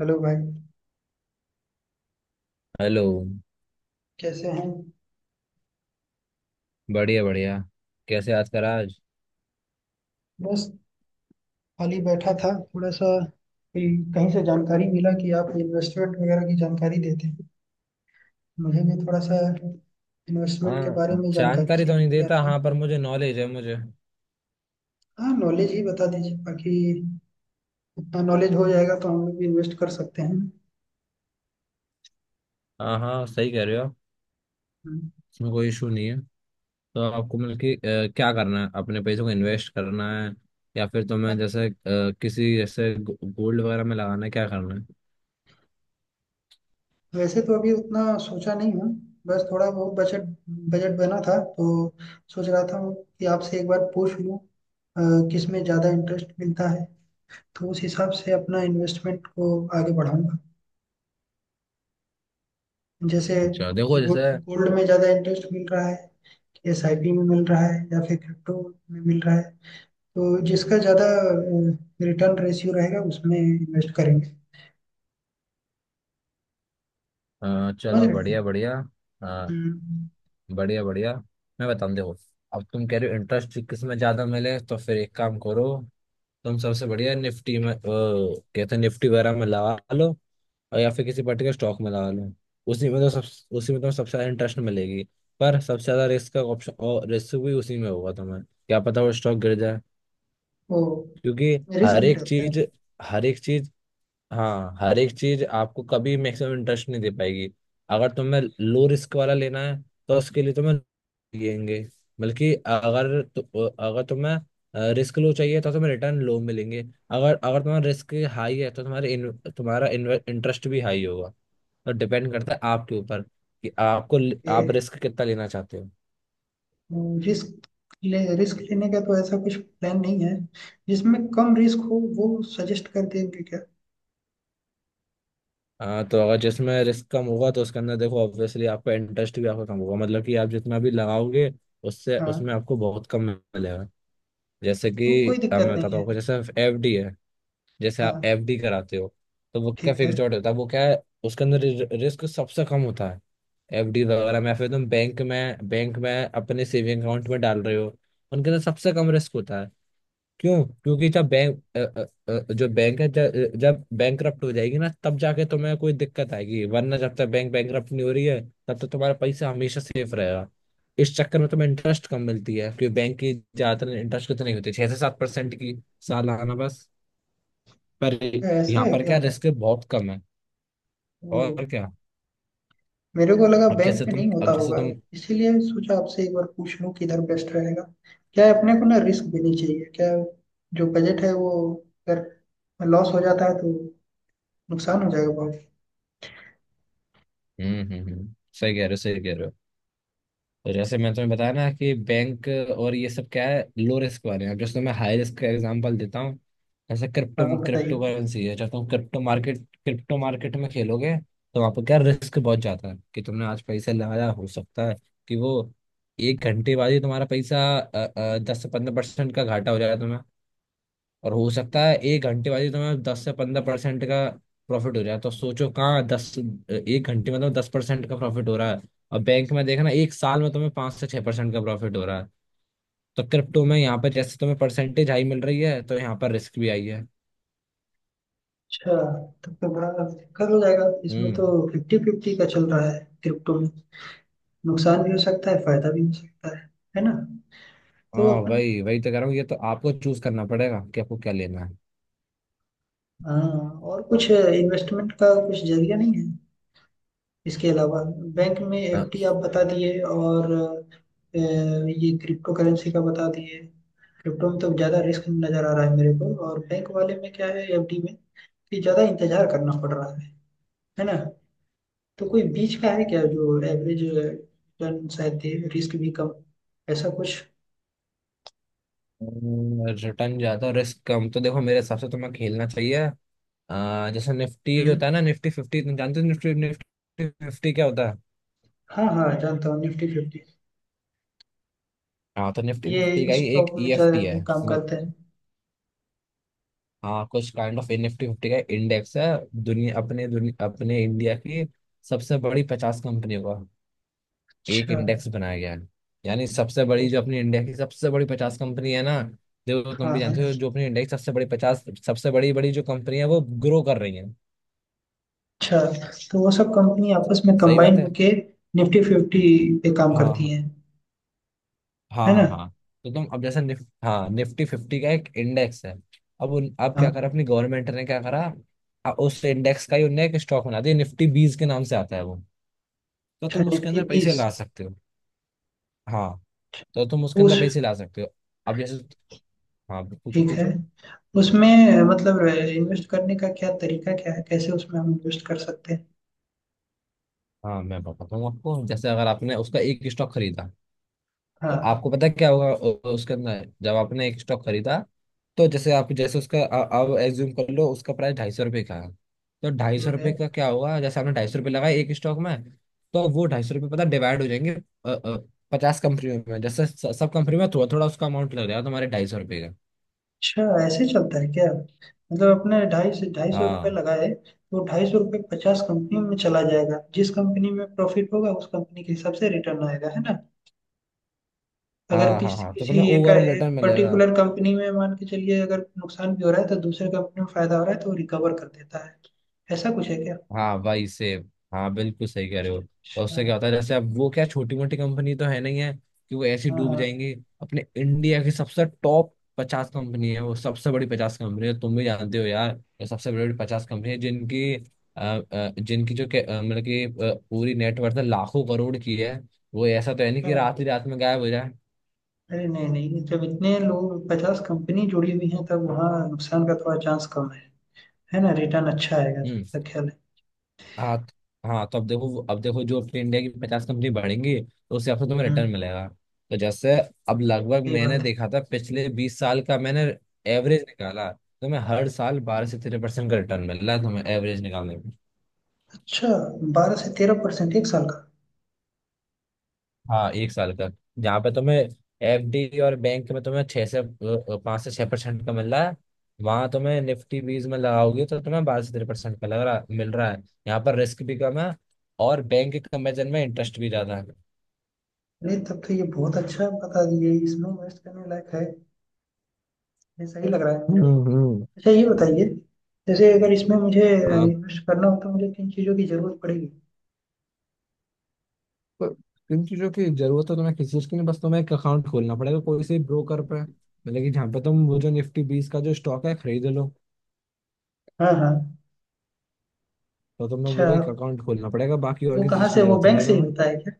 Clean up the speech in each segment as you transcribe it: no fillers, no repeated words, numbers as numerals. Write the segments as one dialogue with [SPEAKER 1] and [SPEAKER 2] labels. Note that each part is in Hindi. [SPEAKER 1] हेलो भाई।
[SPEAKER 2] हेलो।
[SPEAKER 1] कैसे हैं।
[SPEAKER 2] बढ़िया बढ़िया। कैसे याद करा आज?
[SPEAKER 1] बस खाली बैठा था। थोड़ा सा कोई कहीं से जानकारी मिला कि आप इन्वेस्टमेंट वगैरह की जानकारी देते हैं। मुझे भी थोड़ा सा इन्वेस्टमेंट के
[SPEAKER 2] हाँ,
[SPEAKER 1] बारे में जानकारी
[SPEAKER 2] जानकारी तो
[SPEAKER 1] चाहिए
[SPEAKER 2] नहीं
[SPEAKER 1] थी
[SPEAKER 2] देता,
[SPEAKER 1] आपसे।
[SPEAKER 2] हाँ, पर मुझे नॉलेज है, मुझे।
[SPEAKER 1] हाँ, नॉलेज ही बता दीजिए बाकी। उतना नॉलेज हो जाएगा तो हम लोग भी इन्वेस्ट कर सकते हैं।
[SPEAKER 2] हाँ हाँ, सही कह रहे हो आप।
[SPEAKER 1] हम्म।
[SPEAKER 2] इसमें कोई इशू नहीं है। तो आपको मतलब कि क्या करना है, अपने पैसों को इन्वेस्ट करना है? या फिर तुम्हें
[SPEAKER 1] हाँ।
[SPEAKER 2] जैसे किसी जैसे गोल्ड वगैरह में लगाना है? क्या करना है?
[SPEAKER 1] वैसे तो अभी उतना सोचा नहीं हूँ। बस थोड़ा बहुत बजट बजट बना था तो सोच रहा था कि आपसे एक बार पूछ लूँ, किस में ज़्यादा इंटरेस्ट मिलता है। तो उस हिसाब से अपना इन्वेस्टमेंट को आगे बढ़ाऊंगा। जैसे
[SPEAKER 2] अच्छा देखो,
[SPEAKER 1] गोल्ड
[SPEAKER 2] जैसे।
[SPEAKER 1] गोल्ड में ज़्यादा इंटरेस्ट मिल रहा है, एसआईपी में मिल रहा है, या फिर क्रिप्टो में मिल रहा है। तो जिसका ज़्यादा रिटर्न रेशियो रहेगा उसमें इन्वेस्ट करेंगे। समझ
[SPEAKER 2] चलो,
[SPEAKER 1] रहे हैं।
[SPEAKER 2] बढ़िया बढ़िया।
[SPEAKER 1] हम्म।
[SPEAKER 2] बढ़िया बढ़िया। मैं बताऊँ, देखो। अब तुम कह रहे हो इंटरेस्ट किस में ज्यादा मिले, तो फिर एक काम करो। तुम सबसे बढ़िया निफ्टी में, कहते हैं निफ्टी वगैरह में लगा लो। और या फिर किसी पर्टिकुलर स्टॉक में लगा लो। उसी में तो सबसे ज्यादा इंटरेस्ट मिलेगी। पर सबसे ज्यादा रिस्क का ऑप्शन, और रिस्क भी उसी में होगा। तुम्हें क्या पता वो स्टॉक गिर जाए।
[SPEAKER 1] वो
[SPEAKER 2] क्योंकि
[SPEAKER 1] रिस्क
[SPEAKER 2] हर
[SPEAKER 1] भी
[SPEAKER 2] एक
[SPEAKER 1] रहता है।
[SPEAKER 2] चीज हर एक चीज हाँ, हर एक चीज आपको कभी मैक्सिमम इंटरेस्ट नहीं दे पाएगी। अगर तुम्हें लो रिस्क वाला लेना है तो उसके लिए तुम्हें मिलेंगे। बल्कि अगर तुम्हें रिस्क लो चाहिए तो तुम्हें रिटर्न लो मिलेंगे। अगर अगर तुम्हारा रिस्क हाई है तो तुम्हारा इंटरेस्ट भी हाई होगा। तो डिपेंड करता है आपके ऊपर कि आपको
[SPEAKER 1] क्या
[SPEAKER 2] आप रिस्क कितना लेना चाहते हो।
[SPEAKER 1] रिस्क ले रिस्क लेने का तो ऐसा कुछ प्लान नहीं है। जिसमें कम रिस्क हो वो सजेस्ट कर देंगे क्या।
[SPEAKER 2] हाँ, तो अगर जिसमें रिस्क कम होगा तो उसके अंदर देखो, ऑब्वियसली आपका इंटरेस्ट भी आपका कम होगा, मतलब कि आप जितना भी लगाओगे उससे उसमें
[SPEAKER 1] हाँ,
[SPEAKER 2] आपको बहुत कम मिलेगा। जैसे
[SPEAKER 1] वो
[SPEAKER 2] कि
[SPEAKER 1] कोई दिक्कत
[SPEAKER 2] मैं
[SPEAKER 1] नहीं
[SPEAKER 2] बताता
[SPEAKER 1] है।
[SPEAKER 2] हूँ आपको, जैसे एफडी है, जैसे आप
[SPEAKER 1] हाँ।
[SPEAKER 2] एफडी कराते हो। तो वो क्या
[SPEAKER 1] ठीक है।
[SPEAKER 2] फिक्स डॉट होता है, वो क्या है, उसके अंदर रिस्क सबसे कम होता है। एफडी वगैरह में, या फिर तुम बैंक में अपने सेविंग अकाउंट में डाल रहे हो, उनके अंदर सबसे कम रिस्क होता है। क्यों? क्योंकि जब बैंक अ, अ, अ, जो बैंक है, जब बैंक करप्ट हो जाएगी ना तब जाके तुम्हें कोई दिक्कत आएगी, वरना जब तक बैंक बैंक करप्ट नहीं हो रही है तब तक तुम्हारा पैसा हमेशा सेफ रहेगा। इस चक्कर में तुम्हें इंटरेस्ट कम मिलती है, क्योंकि बैंक की ज्यादातर इंटरेस्ट कितनी होती है? 6 से 7% की सालाना, बस। पर
[SPEAKER 1] क्या ऐसा
[SPEAKER 2] यहाँ
[SPEAKER 1] है
[SPEAKER 2] पर
[SPEAKER 1] क्या।
[SPEAKER 2] क्या, रिस्क बहुत कम है,
[SPEAKER 1] वो
[SPEAKER 2] और क्या।
[SPEAKER 1] मेरे को लगा बैंक में नहीं होता
[SPEAKER 2] अब जैसे
[SPEAKER 1] होगा।
[SPEAKER 2] तुम
[SPEAKER 1] इसीलिए सोचा आपसे एक बार पूछ लूं किधर बेस्ट रहेगा। क्या है अपने को ना रिस्क भी नहीं चाहिए, क्या है, जो बजट है वो अगर लॉस हो जाता है तो नुकसान हो जाएगा बहुत।
[SPEAKER 2] हम्म। सही कह रहे हो, सही कह रहे हो। तो जैसे मैं तुम्हें बताया ना कि बैंक और ये सब क्या है, लो रिस्क वाले हैं। अब जैसे मैं हाई रिस्क का एग्जांपल देता हूँ। जैसे
[SPEAKER 1] हाँ,
[SPEAKER 2] क्रिप्टो क्रिप्टो
[SPEAKER 1] बताइए।
[SPEAKER 2] करेंसी है, जब तुम क्रिप्टो मार्केट में खेलोगे तो वहाँ पर क्या, रिस्क बहुत ज्यादा है कि तुमने आज पैसा लगाया, हो सकता है कि वो 1 घंटे बाद ही तुम्हारा पैसा 10 से 15% का घाटा हो जाएगा तुम्हें। और हो सकता है 1 घंटे बाद ही तुम्हें 10 से 15% का प्रॉफिट हो जाए। तो सोचो, कहाँ दस 1 घंटे में तो 10% का प्रॉफिट हो रहा है, और बैंक में देखना 1 साल में तुम्हें 5 से 6% का प्रॉफिट हो रहा है। तो क्रिप्टो में यहाँ पर जैसे तुम्हें परसेंटेज हाई मिल रही है तो यहाँ पर रिस्क भी आई है।
[SPEAKER 1] अच्छा, तब तो बड़ा दिक्कत हो जाएगा इसमें तो।
[SPEAKER 2] हम्म।
[SPEAKER 1] फिफ्टी फिफ्टी का चल रहा है क्रिप्टो में। नुकसान भी हो सकता है, फायदा भी हो सकता है। है ना। तो
[SPEAKER 2] हाँ,
[SPEAKER 1] अपन।
[SPEAKER 2] वही वही तो कह रहा हूँ, ये तो आपको चूज करना पड़ेगा कि आपको क्या लेना है।
[SPEAKER 1] हाँ, और कुछ इन्वेस्टमेंट का कुछ जरिया नहीं है इसके अलावा। बैंक में
[SPEAKER 2] हाँ,
[SPEAKER 1] एफडी आप बता दिए, और ये क्रिप्टो करेंसी का बता दिए। क्रिप्टो में तो ज़्यादा रिस्क नज़र आ रहा है मेरे को, और बैंक वाले में क्या है एफडी में, कि ज़्यादा इंतज़ार करना पड़ रहा है। है ना। तो कोई बीच का है क्या जो एवरेज रिटर्न शायद दे, रिस्क भी कम, ऐसा कुछ।
[SPEAKER 2] रिटर्न ज्यादा रिस्क कम, तो देखो मेरे हिसाब से तुम्हें खेलना चाहिए। जैसे निफ्टी
[SPEAKER 1] हम्म।
[SPEAKER 2] होता है ना, निफ्टी फिफ्टी, तुम जानते हो निफ्टी निफ्टी फिफ्टी क्या होता है?
[SPEAKER 1] हाँ हाँ, जानता हूँ निफ्टी फिफ्टी।
[SPEAKER 2] हाँ, तो निफ्टी
[SPEAKER 1] ये
[SPEAKER 2] फिफ्टी का ही एक
[SPEAKER 1] स्टॉक में
[SPEAKER 2] ईएफटी है
[SPEAKER 1] काम
[SPEAKER 2] मतलब।
[SPEAKER 1] करते हैं।
[SPEAKER 2] हाँ, कुछ काइंड ऑफ निफ्टी फिफ्टी का इंडेक्स है। दुनिया अपने इंडिया की सबसे बड़ी 50 कंपनियों का एक
[SPEAKER 1] अच्छा।
[SPEAKER 2] इंडेक्स बनाया गया है। यानी सबसे बड़ी,
[SPEAKER 1] ओ,
[SPEAKER 2] जो अपनी इंडिया की सबसे बड़ी पचास कंपनी है ना। देखो, तुम
[SPEAKER 1] हाँ
[SPEAKER 2] भी
[SPEAKER 1] हाँ।
[SPEAKER 2] जानते हो, जो अपनी इंडिया की सबसे बड़ी पचास, सबसे बड़ी बड़ी जो कंपनी है वो ग्रो कर रही है।
[SPEAKER 1] अच्छा, तो वो सब कंपनी आपस में
[SPEAKER 2] सही बात
[SPEAKER 1] कंबाइन
[SPEAKER 2] है।
[SPEAKER 1] होके निफ्टी फिफ्टी पे काम
[SPEAKER 2] हाँ
[SPEAKER 1] करती
[SPEAKER 2] हाँ।
[SPEAKER 1] है।
[SPEAKER 2] हाँ
[SPEAKER 1] है ना।
[SPEAKER 2] हाँ हाँ। तो तुम, अब जैसे निफ हाँ, निफ्टी फिफ्टी का एक इंडेक्स है। अब क्या करा
[SPEAKER 1] हाँ।
[SPEAKER 2] अपनी गवर्नमेंट ने क्या करा, उस इंडेक्स का ही उनने एक स्टॉक बना दिया, निफ्टी 20 के नाम से आता है वो। तो
[SPEAKER 1] अच्छा,
[SPEAKER 2] तुम उसके
[SPEAKER 1] निफ्टी
[SPEAKER 2] अंदर पैसे
[SPEAKER 1] बीस।
[SPEAKER 2] ला सकते हो। हाँ। तो तुम उसके अंदर
[SPEAKER 1] उस
[SPEAKER 2] पैसे ला सकते हो। अब जैसे, हाँ, पूछो
[SPEAKER 1] ठीक है।
[SPEAKER 2] पूछो।
[SPEAKER 1] उसमें, मतलब इन्वेस्ट करने का क्या तरीका क्या है, कैसे उसमें हम इन्वेस्ट कर सकते हैं।
[SPEAKER 2] हाँ, मैं बताता हूँ आपको। जैसे अगर आपने उसका एक स्टॉक खरीदा, तो
[SPEAKER 1] हाँ।
[SPEAKER 2] आपको पता क्या होगा, उसके अंदर जब आपने एक स्टॉक खरीदा, तो जैसे उसका अब एज्यूम कर लो, उसका प्राइस 250 रुपये का है, तो ढाई सौ
[SPEAKER 1] ठीक है।
[SPEAKER 2] रुपये का क्या होगा, जैसे आपने 250 रुपये लगाए एक स्टॉक में। तो वो 250 रुपये पता डिवाइड हो जाएंगे 50 कंपनियों में, जैसे सब कंपनी में थोड़ा थोड़ा उसका अमाउंट लग जाएगा तुम्हारे 250 रुपये का।
[SPEAKER 1] अच्छा, ऐसे चलता है क्या। मतलब अपने 250 रुपये
[SPEAKER 2] हाँ
[SPEAKER 1] लगाए, तो 250 रुपये 50 कंपनी में चला जाएगा, जिस कंपनी में प्रॉफिट होगा उस कंपनी के हिसाब से रिटर्न आएगा। है ना। अगर
[SPEAKER 2] हाँ हाँ हाँ, तो
[SPEAKER 1] किसी
[SPEAKER 2] तुम्हें ओवरऑल
[SPEAKER 1] एक
[SPEAKER 2] रिटर्न मिलेगा।
[SPEAKER 1] पर्टिकुलर कंपनी में मान के चलिए, अगर नुकसान भी हो रहा है तो दूसरे कंपनी में फायदा हो रहा है तो वो रिकवर कर देता है। ऐसा कुछ है क्या।
[SPEAKER 2] हाँ, वही सेव हाँ बिल्कुल सही कह रहे हो। तो
[SPEAKER 1] अच्छा।
[SPEAKER 2] उससे क्या होता है, जैसे अब वो क्या, छोटी मोटी कंपनी तो है नहीं है कि वो ऐसी
[SPEAKER 1] हाँ
[SPEAKER 2] डूब
[SPEAKER 1] हाँ।
[SPEAKER 2] जाएंगी। अपने इंडिया की सबसे टॉप 50 कंपनी है, वो सबसे बड़ी 50 कंपनी है, तुम भी जानते हो यार। ये सबसे बड़ी बड़ी 50 कंपनी है, जिनकी अ, अ, जिनकी जो के- अ, मतलब कि पूरी नेटवर्थ लाखों करोड़ की है। वो ऐसा तो है नहीं कि
[SPEAKER 1] अच्छा।
[SPEAKER 2] रात ही रात में गायब हो जाए।
[SPEAKER 1] अरे नहीं नहीं, जब इतने लोग 50 कंपनी जुड़ी हुई हैं तब वहाँ नुकसान का थोड़ा चांस कम है। है ना, रिटर्न अच्छा आएगा जब
[SPEAKER 2] हम्म।
[SPEAKER 1] तक ख्याल है।
[SPEAKER 2] हाँ तो अब देखो, जो अपनी इंडिया की 50 कंपनी बढ़ेंगी तो उस हिसाब से तुम्हें
[SPEAKER 1] हम्म।
[SPEAKER 2] रिटर्न मिलेगा। तो जैसे, अब लगभग
[SPEAKER 1] सही
[SPEAKER 2] मैंने
[SPEAKER 1] बात है।
[SPEAKER 2] देखा था पिछले 20 साल का, मैंने एवरेज निकाला, तुम्हें हर साल 12 से 13% का रिटर्न मिल रहा है तुम्हें, एवरेज निकालने में।
[SPEAKER 1] अच्छा, 12 से 13% एक साल का।
[SPEAKER 2] हाँ, 1 साल का। जहाँ पे तुम्हें एफडी और बैंक में तुम्हें छह से पाँच से छह परसेंट का मिल रहा है, वहाँ तुम्हें निफ्टी बीज में लगाओगे तो तुम्हें 12 से 13% का लग रहा मिल रहा है। यहाँ पर रिस्क भी कम है, और बैंक के कंपेरिजन में इंटरेस्ट भी ज्यादा है।
[SPEAKER 1] अरे, तब तो ये बहुत अच्छा बता दिए, इसमें इन्वेस्ट करने लायक है। ये सही लग रहा है
[SPEAKER 2] हम्म।
[SPEAKER 1] मेरे को।
[SPEAKER 2] हम्म।
[SPEAKER 1] अच्छा, ये बताइए जैसे अगर इसमें मुझे
[SPEAKER 2] हाँ,
[SPEAKER 1] इन्वेस्ट करना हो तो मुझे किन चीज़ों की जरूरत पड़ेगी।
[SPEAKER 2] पर इन चीज़ों की जरूरत है तुम्हें, किसी चीज़ की नहीं, बस तुम्हें एक अकाउंट खोलना पड़ेगा कोई से ब्रोकर पे, मतलब कि जहाँ पे तुम वो जो निफ्टी 20 का जो स्टॉक है खरीद लो।
[SPEAKER 1] हाँ हाँ।
[SPEAKER 2] तो तुम्हें
[SPEAKER 1] अच्छा,
[SPEAKER 2] वो एक अकाउंट खोलना पड़ेगा, बाकी और
[SPEAKER 1] वो
[SPEAKER 2] किसी
[SPEAKER 1] कहाँ
[SPEAKER 2] चीज़ की
[SPEAKER 1] से, वो
[SPEAKER 2] जरूरत नहीं
[SPEAKER 1] बैंक
[SPEAKER 2] है
[SPEAKER 1] से ही
[SPEAKER 2] तुम्हें।
[SPEAKER 1] होता है क्या।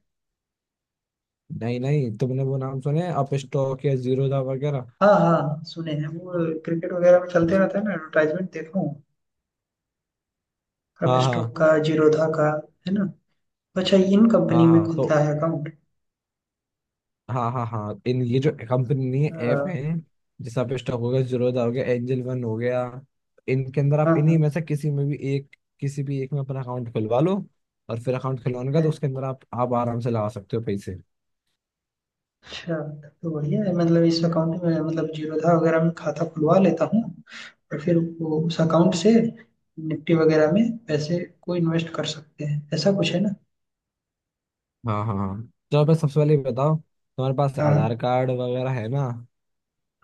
[SPEAKER 2] नहीं नहीं, तुमने वो नाम सुने, अप स्टॉक या जीरो दा वगैरह।
[SPEAKER 1] हाँ हाँ, सुने हैं वो, क्रिकेट वगैरह में चलते
[SPEAKER 2] हाँ
[SPEAKER 1] रहता है ना, एडवर्टाइजमेंट देखा हूँ। कप स्टॉक
[SPEAKER 2] हाँ।
[SPEAKER 1] का, जीरोधा का। है ना। अच्छा, इन
[SPEAKER 2] हाँ
[SPEAKER 1] कंपनी
[SPEAKER 2] हाँ
[SPEAKER 1] में
[SPEAKER 2] हाँ, तो
[SPEAKER 1] खुलता है अकाउंट।
[SPEAKER 2] हाँ हाँ हाँ, इन ये जो कंपनी ऐप
[SPEAKER 1] हाँ
[SPEAKER 2] है, जैसे आप स्टॉक हो गया, जीरोधा हो गया, एंजल वन हो गया, इनके अंदर आप इन्हीं
[SPEAKER 1] हाँ।
[SPEAKER 2] में से किसी भी एक में अपना अकाउंट खुलवा लो। और फिर अकाउंट खुलवाने का,
[SPEAKER 1] है।
[SPEAKER 2] तो उसके अंदर आप आराम से लगा सकते हो पैसे।
[SPEAKER 1] अच्छा, तब तो बढ़िया है, मतलब इस अकाउंट में, मतलब जीरोधा वगैरह में खाता खुलवा लेता हूँ, और फिर वो उस अकाउंट से निफ्टी वगैरह में पैसे को इन्वेस्ट कर सकते हैं, ऐसा कुछ है ना।
[SPEAKER 2] हाँ हाँ हाँ, तो मैं सबसे पहले ये बताओ, तुम्हारे पास
[SPEAKER 1] हाँ
[SPEAKER 2] आधार कार्ड वगैरह है ना?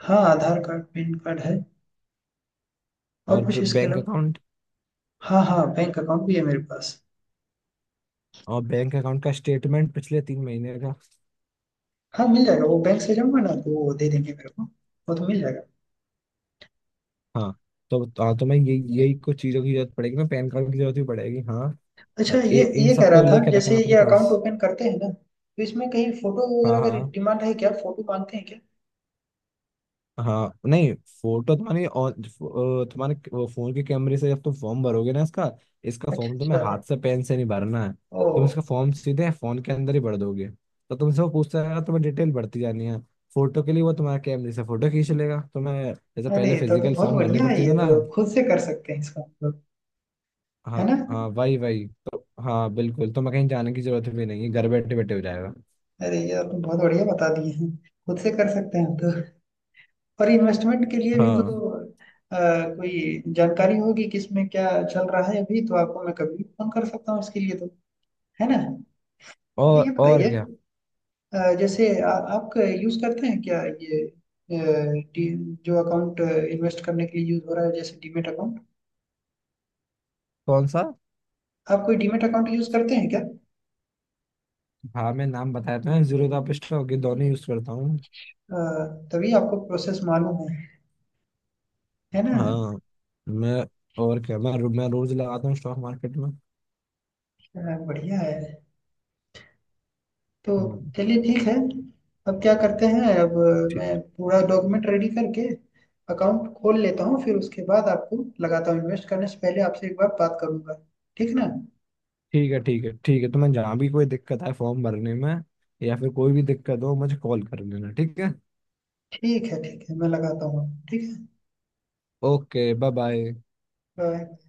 [SPEAKER 1] हाँ, आधार कार्ड पैन कार्ड है, और
[SPEAKER 2] और
[SPEAKER 1] कुछ इसके
[SPEAKER 2] बैंक
[SPEAKER 1] अलावा।
[SPEAKER 2] अकाउंट?
[SPEAKER 1] हाँ हाँ, बैंक अकाउंट भी है मेरे पास।
[SPEAKER 2] और बैंक अकाउंट का स्टेटमेंट पिछले 3 महीने का।
[SPEAKER 1] हाँ, मिल जाएगा वो, बैंक से जाऊंगा ना तो वो दे देंगे मेरे को। वो तो मिल जाएगा।
[SPEAKER 2] हाँ, हाँ तो मैं ये यही कुछ चीज़ों की जरूरत पड़ेगी ना, पैन कार्ड की जरूरत भी पड़ेगी, हाँ।
[SPEAKER 1] अच्छा ये
[SPEAKER 2] ये इन
[SPEAKER 1] कह रहा
[SPEAKER 2] सबको
[SPEAKER 1] था,
[SPEAKER 2] लेकर
[SPEAKER 1] जैसे
[SPEAKER 2] रखना
[SPEAKER 1] ये
[SPEAKER 2] अपने पास।
[SPEAKER 1] अकाउंट ओपन करते हैं ना तो इसमें कहीं फोटो वगैरह
[SPEAKER 2] हाँ
[SPEAKER 1] का
[SPEAKER 2] हाँ।
[SPEAKER 1] डिमांड है क्या, फोटो मांगते हैं क्या।
[SPEAKER 2] हाँ नहीं, फोटो तुम्हारी और फो- अ, तुम्हारे क- वो फोन के कैमरे से जब तुम फॉर्म भरोगे ना, इसका। इसका
[SPEAKER 1] अच्छा
[SPEAKER 2] फॉर्म
[SPEAKER 1] अच्छा,
[SPEAKER 2] तुम्हें हाथ से पेन से नहीं भरना है,
[SPEAKER 1] ओ।
[SPEAKER 2] तुम इसका फॉर्म सीधे फोन के अंदर ही भर दोगे। तो तुमसे वो पूछता रहेगा, तुम्हें डिटेल भरती जानी है। फोटो के लिए वो तुम्हारे कैमरे से फोटो खींच लेगा तुम्हें, जैसे
[SPEAKER 1] अरे
[SPEAKER 2] पहले
[SPEAKER 1] तो
[SPEAKER 2] फिजिकल
[SPEAKER 1] बहुत
[SPEAKER 2] फॉर्म भरने
[SPEAKER 1] बढ़िया है,
[SPEAKER 2] पड़ते थे
[SPEAKER 1] ये
[SPEAKER 2] ना।
[SPEAKER 1] तो खुद से कर सकते हैं इसका मतलब।
[SPEAKER 2] हाँ।
[SPEAKER 1] है ना।
[SPEAKER 2] हाँ, वही वही तो, हाँ बिल्कुल, तुम्हें कहीं जाने की जरूरत भी नहीं है, घर बैठे बैठे हो जाएगा।
[SPEAKER 1] अरे, ये तो बहुत बढ़िया बता दिए हैं, खुद से कर सकते हैं हम तो। और इन्वेस्टमेंट के लिए भी
[SPEAKER 2] हाँ,
[SPEAKER 1] तो अ, कोई जानकारी होगी कि इसमें क्या चल रहा है अभी, तो आपको मैं कभी भी फोन कर सकता हूँ इसके लिए तो। है ना। अच्छा, ये
[SPEAKER 2] और
[SPEAKER 1] बताइए,
[SPEAKER 2] क्या?
[SPEAKER 1] जैसे आप यूज करते हैं क्या ये, जो अकाउंट इन्वेस्ट करने के लिए यूज हो रहा है, जैसे डीमेट अकाउंट।
[SPEAKER 2] कौन सा?
[SPEAKER 1] आप कोई डीमेट अकाउंट यूज करते हैं क्या।
[SPEAKER 2] हाँ, मैं नाम बताया था, जीरो का पिस्टल के दोनों यूज करता हूँ।
[SPEAKER 1] अ, तभी आपको प्रोसेस मालूम है। है ना।
[SPEAKER 2] हाँ, मैं, और क्या, मैं रोज लगाता हूँ स्टॉक मार्केट में।
[SPEAKER 1] बढ़िया है। तो
[SPEAKER 2] हम्म।
[SPEAKER 1] चलिए ठीक है, अब क्या करते हैं अब। मैं
[SPEAKER 2] ठीक
[SPEAKER 1] पूरा डॉक्यूमेंट रेडी करके अकाउंट खोल लेता हूँ, फिर उसके बाद आपको लगाता हूँ, इन्वेस्ट करने से पहले आपसे एक बार बात करूंगा, ठीक ना।
[SPEAKER 2] ठीक है, ठीक है, ठीक है, तो मैं, जहाँ भी कोई दिक्कत है फॉर्म भरने में या फिर कोई भी दिक्कत हो, मुझे कॉल कर लेना, ठीक है।
[SPEAKER 1] ठीक है ठीक है, मैं लगाता हूँ ठीक है।
[SPEAKER 2] Okay, bye bye.
[SPEAKER 1] बाय।